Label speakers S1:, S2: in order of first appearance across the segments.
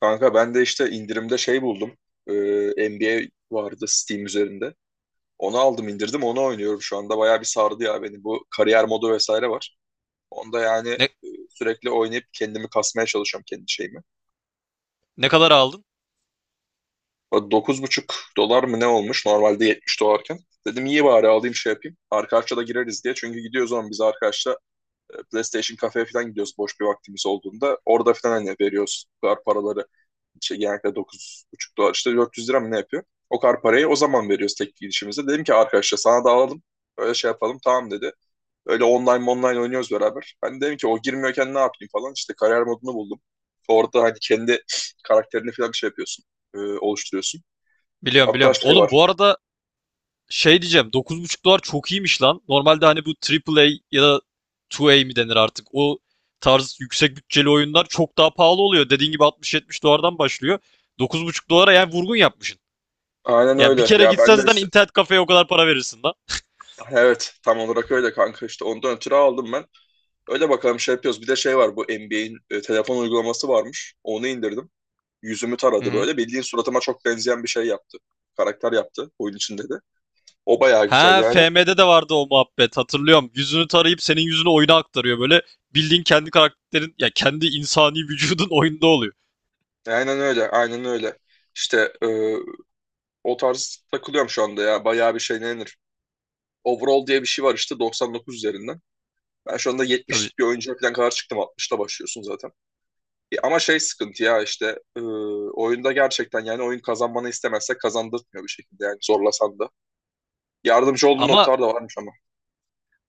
S1: Kanka ben de işte indirimde şey buldum. Ee, NBA vardı Steam üzerinde. Onu aldım indirdim onu oynuyorum şu anda. Bayağı bir sardı ya beni. Bu kariyer modu vesaire var. Onda yani
S2: Ne,
S1: sürekli oynayıp kendimi kasmaya çalışıyorum kendi şeyimi.
S2: ne kadar aldın?
S1: O 9,5 dolar mı ne olmuş normalde 70 dolarken. Dedim iyi bari alayım şey yapayım. Arkadaşla da gireriz diye. Çünkü gidiyoruz zaman biz arkadaşla PlayStation kafeye falan gidiyoruz boş bir vaktimiz olduğunda. Orada falan hani veriyoruz bu kadar paraları şey, genellikle 9,5 dolar işte 400 lira mı ne yapıyor? O kadar parayı o zaman veriyoruz tek gidişimizde. Dedim ki arkadaşlar sana da alalım. Öyle şey yapalım tamam dedi. Öyle online online oynuyoruz beraber. Ben dedim ki o girmiyorken ne yapayım falan. İşte kariyer modunu buldum. Orada hani kendi karakterini falan bir şey yapıyorsun. Oluşturuyorsun.
S2: Biliyorum,
S1: Hatta
S2: biliyorum.
S1: şey
S2: Oğlum,
S1: var.
S2: bu arada şey diyeceğim, 9,5 dolar çok iyiymiş lan. Normalde hani bu AAA ya da 2A mi denir artık. O tarz yüksek bütçeli oyunlar çok daha pahalı oluyor. Dediğin gibi 60, 70 dolardan başlıyor. 9,5 dolara yani vurgun yapmışsın.
S1: Aynen
S2: Yani bir
S1: öyle.
S2: kere
S1: Ya ben
S2: gitsen
S1: de
S2: zaten
S1: işte
S2: internet kafeye o kadar para verirsin lan.
S1: evet tam olarak öyle kanka işte ondan ötürü aldım ben. Öyle bakalım şey yapıyoruz. Bir de şey var bu NBA'in telefon uygulaması varmış. Onu indirdim. Yüzümü
S2: Hı
S1: taradı
S2: hı.
S1: böyle. Bildiğin suratıma çok benzeyen bir şey yaptı. Karakter yaptı oyun içinde de. O bayağı güzel
S2: Ha,
S1: yani.
S2: FM'de de vardı o muhabbet, hatırlıyorum. Yüzünü tarayıp senin yüzünü oyuna aktarıyor böyle. Bildiğin kendi karakterin ya, kendi insani vücudun oyunda oluyor.
S1: Aynen öyle, aynen öyle. İşte o tarz takılıyorum şu anda ya. Bayağı bir şey ne denir? Overall diye bir şey var işte 99 üzerinden. Ben şu anda
S2: Tabii.
S1: 70'lik bir oyuncuya falan kadar çıktım. 60'la başlıyorsun zaten. Ama şey sıkıntı ya işte oyunda gerçekten yani oyun kazanmanı istemezse kazandırtmıyor bir şekilde yani zorlasan da. Yardımcı olduğu
S2: Ama
S1: noktalar da varmış ama.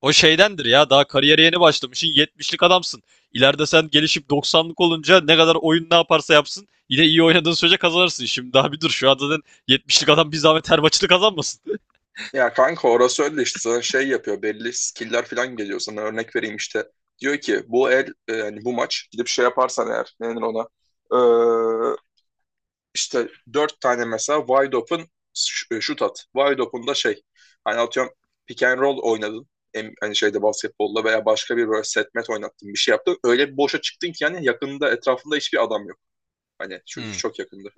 S2: o şeydendir ya, daha kariyere yeni başlamışsın, yetmişlik adamsın. İleride sen gelişip doksanlık olunca ne kadar oyun ne yaparsa yapsın yine iyi oynadığın sürece kazanırsın. Şimdi daha bir dur, şu an zaten yetmişlik adam bir zahmet her maçını kazanmasın.
S1: Ya kanka orası öyle işte sana şey yapıyor belli skill'ler falan geliyor sana örnek vereyim işte diyor ki bu el yani bu maç gidip şey yaparsan eğer ne denir ona. Ee, işte dört tane mesela wide open şut at wide open da şey hani atıyorum pick and roll oynadın. Hani şeyde basketbolla veya başka bir böyle set met oynattın bir şey yaptın öyle bir boşa çıktın ki yani yakında etrafında hiçbir adam yok. Hani şu,
S2: Hmm.
S1: çok yakında.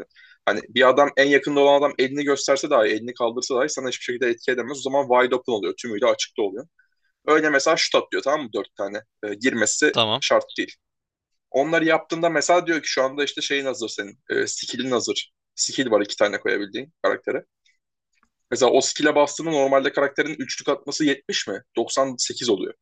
S1: Hani bir adam en yakında olan adam elini gösterse dahi, elini kaldırsa dahi sana hiçbir şekilde etki edemez. O zaman wide open oluyor. Tümüyle açıkta oluyor. Öyle mesela şut atlıyor tamam mı? Dört tane. Girmesi
S2: Tamam.
S1: şart değil. Onları yaptığında mesela diyor ki şu anda işte şeyin hazır senin. Skill'in hazır. Skill var iki tane koyabildiğin karaktere. Mesela o skill'e bastığında normalde karakterin üçlük atması 70 mi? 98 oluyor.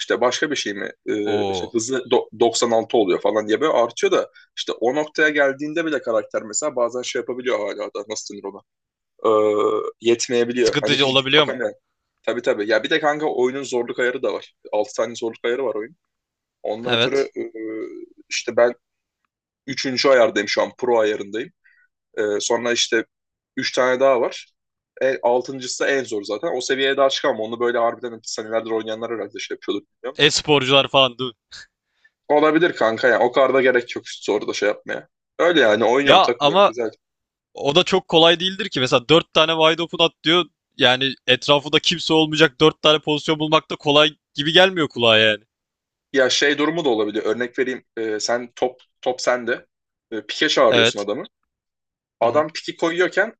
S1: İşte başka bir şey mi? İşte
S2: Oo.
S1: hızı 96 oluyor falan diye böyle artıyor da işte o noktaya geldiğinde bile karakter mesela bazen şey yapabiliyor hala da nasıl denir ona? Yetmeyebiliyor. Hani
S2: Sıkıntıcı
S1: bildiğin
S2: olabiliyor
S1: bakan
S2: mu?
S1: yani. Tabii tabii. Ya bir de kanka oyunun zorluk ayarı da var. 6 tane zorluk ayarı var oyun. Ondan ötürü
S2: Evet.
S1: işte ben üçüncü ayardayım şu an. Pro ayarındayım. Sonra işte 3 tane daha var. Altıncısı da en zor zaten. O seviyeye daha çıkamam. Onu böyle harbiden senelerdir oynayanlar herhalde şey yapıyordur bilmiyorum.
S2: E-sporcular falan değil mi?
S1: Olabilir kanka ya. O kadar da gerek yok üst soruda şey yapmaya. Öyle yani oynuyorum
S2: Ya
S1: takılıyorum
S2: ama
S1: güzel.
S2: o da çok kolay değildir ki. Mesela 4 tane wide open at diyor. Yani etrafında kimse olmayacak 4 tane pozisyon bulmak da kolay gibi gelmiyor kulağa yani.
S1: Ya şey durumu da olabiliyor. Örnek vereyim. Sen top sende. Pike çağırıyorsun
S2: Evet.
S1: adamı.
S2: Hı hı.
S1: Adam piki koyuyorken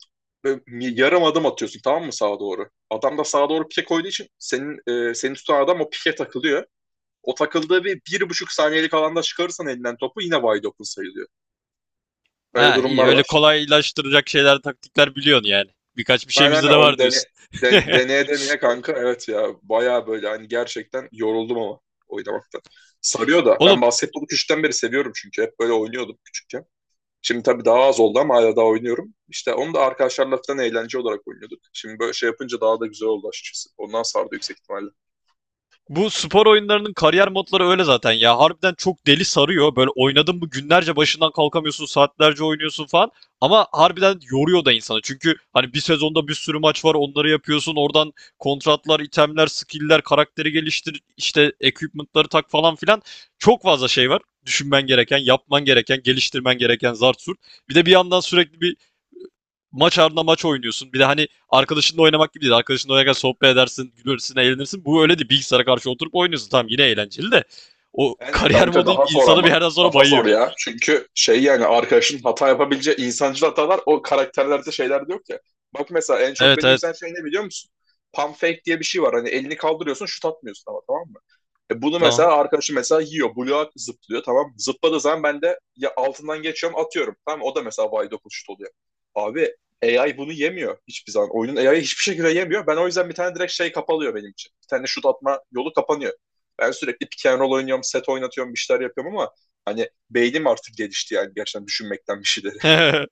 S1: böyle yarım adım atıyorsun tamam mı sağa doğru? Adam da sağa doğru pike koyduğu için senin seni tutan adam o pike takılıyor. O takıldığı bir, bir buçuk saniyelik alanda çıkarırsan elinden topu yine wide open sayılıyor. Böyle
S2: Ha, iyi,
S1: durumlar
S2: öyle
S1: var.
S2: kolaylaştıracak şeyler, taktikler biliyorsun yani. Birkaç bir şey
S1: Aynen aynen
S2: bizde de
S1: onu
S2: var diyorsun.
S1: deneye deneye kanka evet ya baya böyle hani gerçekten yoruldum ama oynamakta. Sarıyor da ben
S2: Oğlum.
S1: basketbolu küçükten beri seviyorum çünkü hep böyle oynuyordum küçükken. Şimdi tabii daha az oldu ama hala daha oynuyorum. İşte onu da arkadaşlarla falan eğlence olarak oynuyorduk. Şimdi böyle şey yapınca daha da güzel oldu açıkçası. Ondan sardı yüksek ihtimalle.
S2: Bu spor oyunlarının kariyer modları öyle zaten ya. Harbiden çok deli sarıyor. Böyle oynadın mı günlerce başından kalkamıyorsun, saatlerce oynuyorsun falan. Ama harbiden yoruyor da insanı. Çünkü hani bir sezonda bir sürü maç var, onları yapıyorsun. Oradan kontratlar, itemler, skill'ler, karakteri geliştir, işte equipment'ları tak falan filan. Çok fazla şey var. Düşünmen gereken, yapman gereken, geliştirmen gereken zart surt. Bir de bir yandan sürekli bir maç ardına maç oynuyorsun. Bir de hani arkadaşınla oynamak gibi değil. Arkadaşınla oynarken sohbet edersin, gülersin, eğlenirsin. Bu öyle değil. Bilgisayara karşı oturup oynuyorsun. Tamam, yine eğlenceli de. O
S1: Aynen
S2: kariyer
S1: kanka
S2: modu
S1: daha zor
S2: insanı bir
S1: ama.
S2: yerden sonra
S1: Daha zor
S2: bayıyor.
S1: ya. Çünkü şey yani arkadaşın hata yapabileceği insancıl hatalar o karakterlerde şeyler de yok ya. Bak mesela en çok
S2: Evet,
S1: beni
S2: evet.
S1: üzen şey ne biliyor musun? Pump fake diye bir şey var. Hani elini kaldırıyorsun şut atmıyorsun ama tamam mı? Bunu
S2: Tamam.
S1: mesela arkadaşım mesela yiyor. Buluğa zıplıyor tamam. Zıpladığı zaman ben de ya altından geçiyorum atıyorum. Tamam o da mesela wide open şut oluyor. Abi AI bunu yemiyor hiçbir zaman. Oyunun AI'yi hiçbir şekilde yemiyor. Ben o yüzden bir tane direkt şey kapalıyor benim için. Bir tane şut atma yolu kapanıyor. Ben sürekli pick and roll oynuyorum, set oynatıyorum, bir şeyler yapıyorum ama hani beynim artık gelişti yani gerçekten düşünmekten bir şeyleri.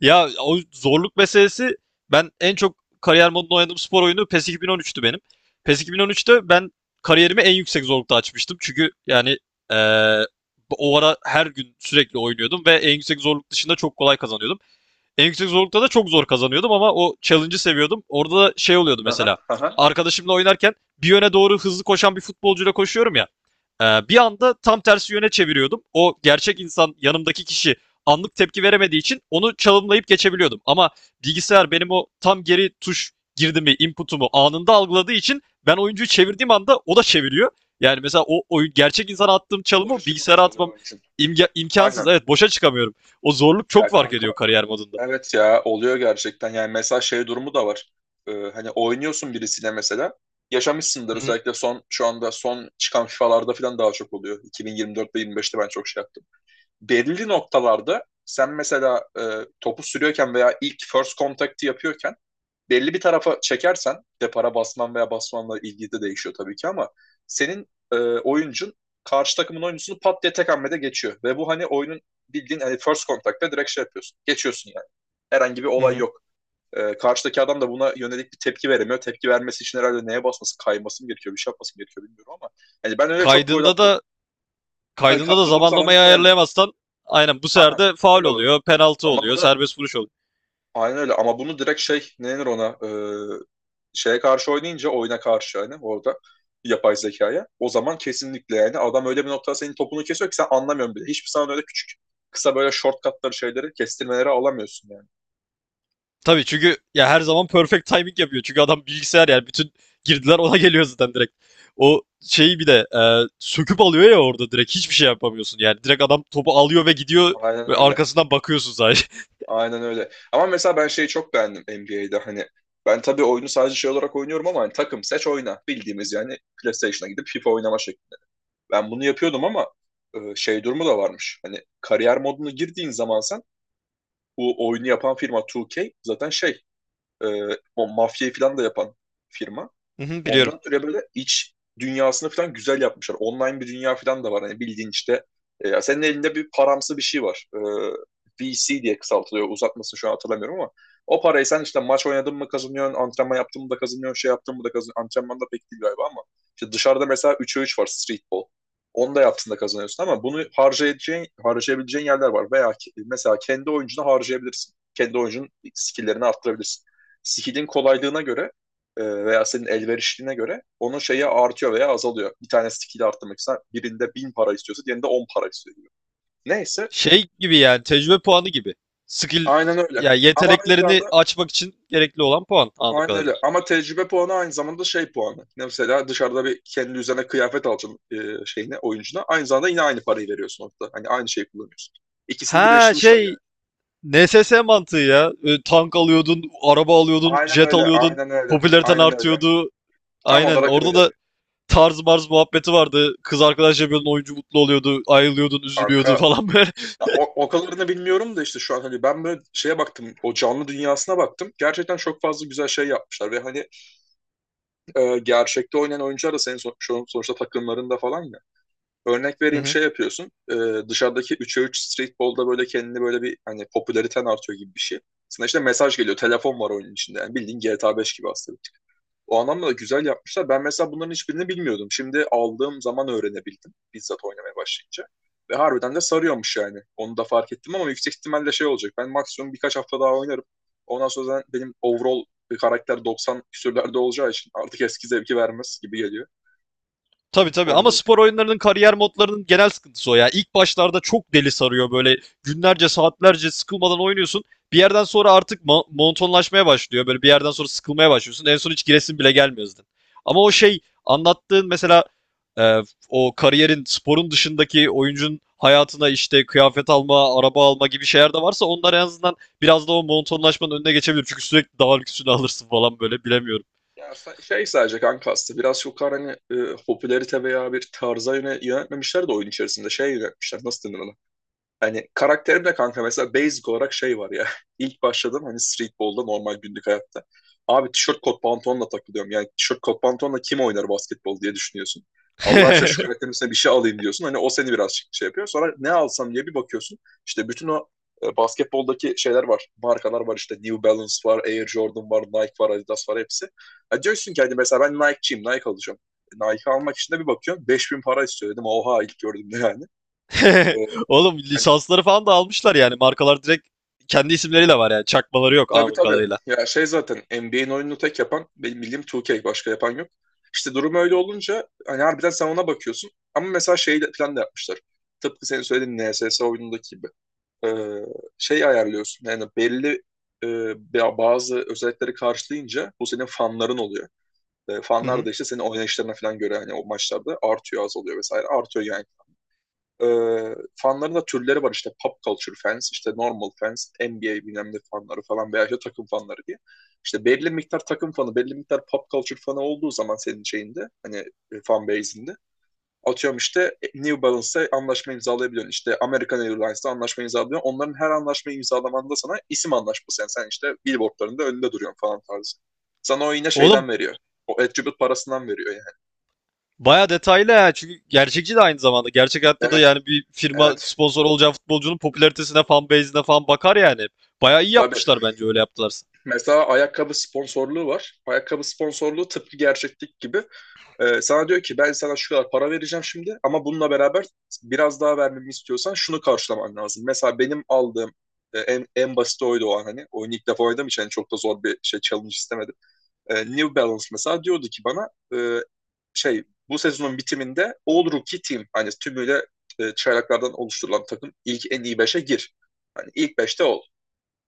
S2: Ya, o zorluk meselesi, ben en çok kariyer modunda oynadığım spor oyunu PES 2013'tü benim. PES 2013'te ben kariyerimi en yüksek zorlukta açmıştım. Çünkü yani eee, o ara her gün sürekli oynuyordum ve en yüksek zorluk dışında çok kolay kazanıyordum. En yüksek zorlukta da çok zor kazanıyordum ama o challenge'ı seviyordum. Orada da şey oluyordu
S1: Aha,
S2: mesela.
S1: aha.
S2: Arkadaşımla oynarken bir yöne doğru hızlı koşan bir futbolcuyla koşuyorum ya. Bir anda tam tersi yöne çeviriyordum. O gerçek insan, yanımdaki kişi, anlık tepki veremediği için onu çalımlayıp geçebiliyordum. Ama bilgisayar benim o tam geri tuş girdimi, input'umu anında algıladığı için ben oyuncuyu çevirdiğim anda o da çeviriyor. Yani mesela o oyun, gerçek insana attığım
S1: Boşa
S2: çalımı bilgisayara
S1: çıkmamış oluyor
S2: atmam
S1: onun için.
S2: imkansız.
S1: Aynen.
S2: Evet, boşa çıkamıyorum. O zorluk çok
S1: Ya
S2: fark
S1: kanka.
S2: ediyor kariyer modunda.
S1: Evet ya oluyor gerçekten. Yani mesela şey durumu da var. Hani oynuyorsun birisiyle mesela. Yaşamışsındır
S2: Hı hı,
S1: özellikle son şu anda son çıkan FIFA'larda falan daha çok oluyor. 2024'te 25'te ben çok şey yaptım. Belli noktalarda sen mesela topu sürüyorken veya ilk first contact'ı yapıyorken belli bir tarafa çekersen depara basman veya basmanla ilgili de değişiyor tabii ki ama senin oyuncun karşı takımın oyuncusunu pat diye tek hamlede geçiyor ve bu hani oyunun bildiğin hani first contact'ta direkt şey yapıyorsun. Geçiyorsun herhangi bir
S2: hı
S1: olay
S2: hı.
S1: yok. Karşıdaki adam da buna yönelik bir tepki veremiyor. Tepki vermesi için herhalde neye basması, kayması mı gerekiyor, bir şey yapması mı gerekiyor bilmiyorum ama yani ben öyle çok gol
S2: Kaydında
S1: attım.
S2: da,
S1: Yani,
S2: kaydında da
S1: doğru zamanlı
S2: zamanlamayı
S1: koyamıyorum.
S2: ayarlayamazsan aynen bu sefer
S1: Aynen.
S2: de faul
S1: Öyle oluyor.
S2: oluyor, penaltı
S1: Ama
S2: oluyor,
S1: bunu
S2: serbest vuruş oluyor.
S1: aynen öyle ama bunu direkt şey ne denir ona şeye karşı oynayınca oyuna karşı yani orada yapay zekaya o zaman kesinlikle yani adam öyle bir noktada senin topunu kesiyor ki sen anlamıyorsun bile. Hiçbir zaman öyle küçük kısa böyle shortcutları şeyleri kestirmeleri alamıyorsun yani.
S2: Tabii, çünkü ya her zaman perfect timing yapıyor. Çünkü adam bilgisayar, yani bütün girdiler ona geliyor zaten direkt. O şeyi bir de söküp alıyor ya, orada direkt hiçbir şey yapamıyorsun. Yani direkt adam topu alıyor ve gidiyor
S1: Aynen
S2: ve
S1: öyle.
S2: arkasından bakıyorsun sadece.
S1: Aynen öyle. Ama mesela ben şeyi çok beğendim NBA'de hani ben tabii oyunu sadece şey olarak oynuyorum ama hani takım seç oyna bildiğimiz yani PlayStation'a gidip FIFA oynama şekli. Ben bunu yapıyordum ama şey durumu da varmış. Hani kariyer modunu girdiğin zaman sen bu oyunu yapan firma 2K zaten şey e, o mafyayı falan da yapan firma.
S2: Hı hı, biliyorum.
S1: Ondan ötürü böyle iç dünyasını falan güzel yapmışlar. Online bir dünya falan da var. Hani bildiğin işte senin elinde bir paramsı bir şey var. VC diye kısaltılıyor. Uzatmasını şu an hatırlamıyorum ama o parayı sen işte maç oynadın mı kazanıyorsun, antrenman yaptın mı da kazanıyorsun, şey yaptın mı da kazanıyorsun. Antrenman da pek değil galiba ama işte dışarıda mesela 3'e 3 var streetball. Onu da yaptığında kazanıyorsun ama bunu harcayabileceğin yerler var. Veya mesela kendi oyuncunu harcayabilirsin. Kendi oyuncunun skill'lerini arttırabilirsin. Skill'in kolaylığına göre veya senin elverişliğine göre onun şeyi artıyor veya azalıyor. Bir tane skill arttırmak ister. Birinde 1.000 para istiyorsa diğerinde 10 para istiyor. Neyse
S2: Şey gibi yani, tecrübe puanı gibi. Skill,
S1: aynen öyle.
S2: yani
S1: Ama aynı zamanda
S2: yeteneklerini açmak için gerekli olan puan anladığım
S1: aynen
S2: kadarıyla.
S1: öyle. Ama tecrübe puanı aynı zamanda şey puanı. Mesela dışarıda bir kendi üzerine kıyafet alacaksın şeyine, oyuncuna. Aynı zamanda yine aynı parayı veriyorsun orada. Hani aynı şeyi kullanıyorsun. İkisini
S2: Ha
S1: birleştirmişler
S2: şey,
S1: yani.
S2: NSS mantığı ya. Tank alıyordun, araba alıyordun,
S1: Aynen
S2: jet
S1: öyle,
S2: alıyordun,
S1: aynen öyle,
S2: popülariten
S1: aynen öyle.
S2: artıyordu.
S1: Tam
S2: Aynen,
S1: olarak
S2: orada
S1: öyle.
S2: da tarz marz muhabbeti vardı. Kız arkadaş yapıyordun, oyuncu mutlu oluyordu. Ayrılıyordun,
S1: Kanka.
S2: üzülüyordu falan böyle.
S1: Ya, o kadarını bilmiyorum da işte şu an hani ben böyle şeye baktım o canlı dünyasına baktım. Gerçekten çok fazla güzel şey yapmışlar ve hani gerçekte oynayan oyuncular da senin sonuçta takımlarında falan ya. Örnek vereyim şey yapıyorsun dışarıdaki 3'e 3 streetball'da böyle kendini böyle bir hani popülariten artıyor gibi bir şey. Sana işte mesaj geliyor telefon var oyunun içinde yani bildiğin GTA 5 gibi aslında o anlamda da güzel yapmışlar. Ben mesela bunların hiçbirini bilmiyordum. Şimdi aldığım zaman öğrenebildim bizzat oynamaya başlayınca. Ve harbiden de sarıyormuş yani. Onu da fark ettim ama yüksek ihtimalle şey olacak. Ben maksimum birkaç hafta daha oynarım. Ondan sonra benim overall bir karakter 90 küsürlerde olacağı için artık eski zevki vermez gibi geliyor.
S2: Tabii, tabii, ama
S1: Ondan.
S2: spor oyunlarının kariyer modlarının genel sıkıntısı o ya. İlk başlarda çok deli sarıyor böyle, günlerce saatlerce sıkılmadan oynuyorsun. Bir yerden sonra artık monotonlaşmaya başlıyor. Böyle bir yerden sonra sıkılmaya başlıyorsun. En son hiç giresin bile gelmiyor zaten. Ama o şey anlattığın mesela, e, o kariyerin sporun dışındaki oyuncunun hayatına işte kıyafet alma, araba alma gibi şeyler de varsa, onlar en azından biraz da o monotonlaşmanın önüne geçebilir. Çünkü sürekli daha lüksünü alırsın falan böyle, bilemiyorum.
S1: Ya şey sadece kanka aslında biraz çok hani popülerite veya bir tarza yöne yönetmemişler de oyun içerisinde şey yönetmişler. Nasıl denir ona? Hani karakterimde kanka mesela basic olarak şey var ya. İlk başladım hani streetball'da normal günlük hayatta. Abi tişört kot pantolonla takılıyorum. Yani tişört kot pantolonla kim oynar basketbol diye düşünüyorsun. Allah aşkına şu karakterin üstüne bir şey alayım diyorsun. Hani o seni birazcık şey yapıyor. Sonra ne alsam diye bir bakıyorsun. İşte bütün o basketboldaki şeyler var. Markalar var işte New Balance var, Air Jordan var, Nike var, Adidas var hepsi. Ha diyorsun ki hani mesela ben Nike'çiyim, Nike alacağım. Nike almak için de bir bakıyorsun 5.000 para istiyor dedim. Oha ilk gördüğümde yani. E,
S2: Oğlum, lisansları falan da almışlar yani. Markalar direkt kendi isimleriyle var yani. Çakmaları yok
S1: Tabii
S2: anladığım
S1: tabii.
S2: kadarıyla.
S1: Ya şey zaten NBA'in oyununu tek yapan benim bildiğim 2K başka yapan yok. İşte durum öyle olunca hani harbiden sen ona bakıyorsun. Ama mesela şey plan da yapmışlar. Tıpkı senin söylediğin NSS oyunundaki gibi. Ee, Şey ayarlıyorsun yani belli e, bazı özellikleri karşılayınca bu senin fanların oluyor. Fanlar da işte senin oynayışlarına falan göre hani o maçlarda artıyor azalıyor vesaire artıyor yani. E, Fanların da türleri var işte pop culture fans, işte normal fans, NBA bilmem ne fanları falan veya işte takım fanları diye. İşte belli miktar takım fanı, belli miktar pop culture fanı olduğu zaman senin şeyinde hani fan base'inde atıyorum işte New Balance'la anlaşma imzalayabiliyorsun. İşte American Airlines'la anlaşma imzalıyorsun. Onların her anlaşma imzalamanda sana isim anlaşması. Yani sen işte billboardlarında önünde duruyorsun falan tarzı. Sana o yine şeyden
S2: Oğlum,
S1: veriyor. O attribute parasından veriyor yani.
S2: baya detaylı ha. Çünkü gerçekçi de aynı zamanda. Gerçek hayatta da
S1: Evet,
S2: yani bir firma
S1: evet.
S2: sponsor olacağı futbolcunun popülaritesine, fan base'ine falan bakar yani. Baya iyi
S1: Tabii.
S2: yapmışlar bence, öyle yaptılarsa.
S1: Mesela ayakkabı sponsorluğu var. Ayakkabı sponsorluğu tıpkı gerçeklik gibi. Sana diyor ki ben sana şu kadar para vereceğim şimdi ama bununla beraber biraz daha vermemi istiyorsan şunu karşılaman lazım. Mesela benim aldığım en basit oydu o an hani. Oyunu ilk defa oynadığım için hani çok da zor bir şey challenge istemedim. New Balance mesela diyordu ki bana e, şey bu sezonun bitiminde All Rookie Team hani tümüyle çaylaklardan oluşturulan takım ilk en iyi beşe gir. Hani ilk beşte ol.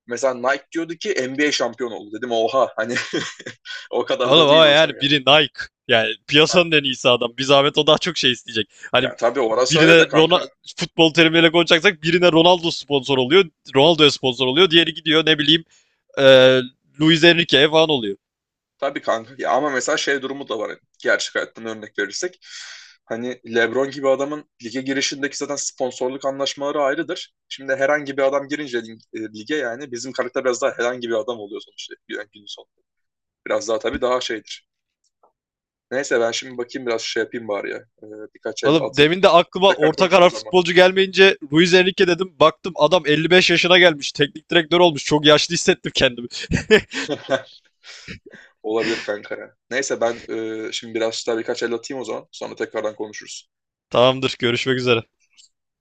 S1: Mesela Nike diyordu ki NBA şampiyon oldu. Dedim oha hani o kadar da
S2: Oğlum,
S1: değil
S2: ama
S1: hocam
S2: yani
S1: ya.
S2: biri Nike. Yani
S1: Yani,
S2: piyasanın en iyisi adam. Bir zahmet o daha çok şey isteyecek. Hani
S1: ya tabii ona söyle
S2: birine
S1: de
S2: Ronaldo,
S1: kanka.
S2: futbol terimiyle konuşacaksak, birine Ronaldo sponsor oluyor. Ronaldo'ya sponsor oluyor. Diğeri gidiyor, ne bileyim, e, Luis Enrique falan oluyor.
S1: Tabii kanka. Ya ama mesela şey durumu da var. Hani, gerçek hayattan örnek verirsek. Hani LeBron gibi adamın lige girişindeki zaten sponsorluk anlaşmaları ayrıdır. Şimdi herhangi bir adam girince lige yani bizim karakter biraz daha herhangi bir adam oluyor sonuçta yani günün sonunda. Biraz daha tabii daha şeydir. Neyse ben şimdi bakayım biraz şey yapayım bari ya. Ee, Birkaç el
S2: Oğlum,
S1: atayım.
S2: demin de
S1: Hani
S2: aklıma
S1: tekrar
S2: orta karar
S1: konuşuruz ama.
S2: futbolcu gelmeyince Luis Enrique dedim. Baktım adam 55 yaşına gelmiş, teknik direktör olmuş. Çok yaşlı hissettim kendimi.
S1: Olabilir kanka ya. Neyse ben şimdi biraz daha birkaç el atayım o zaman. Sonra tekrardan konuşuruz.
S2: Tamamdır. Görüşmek üzere.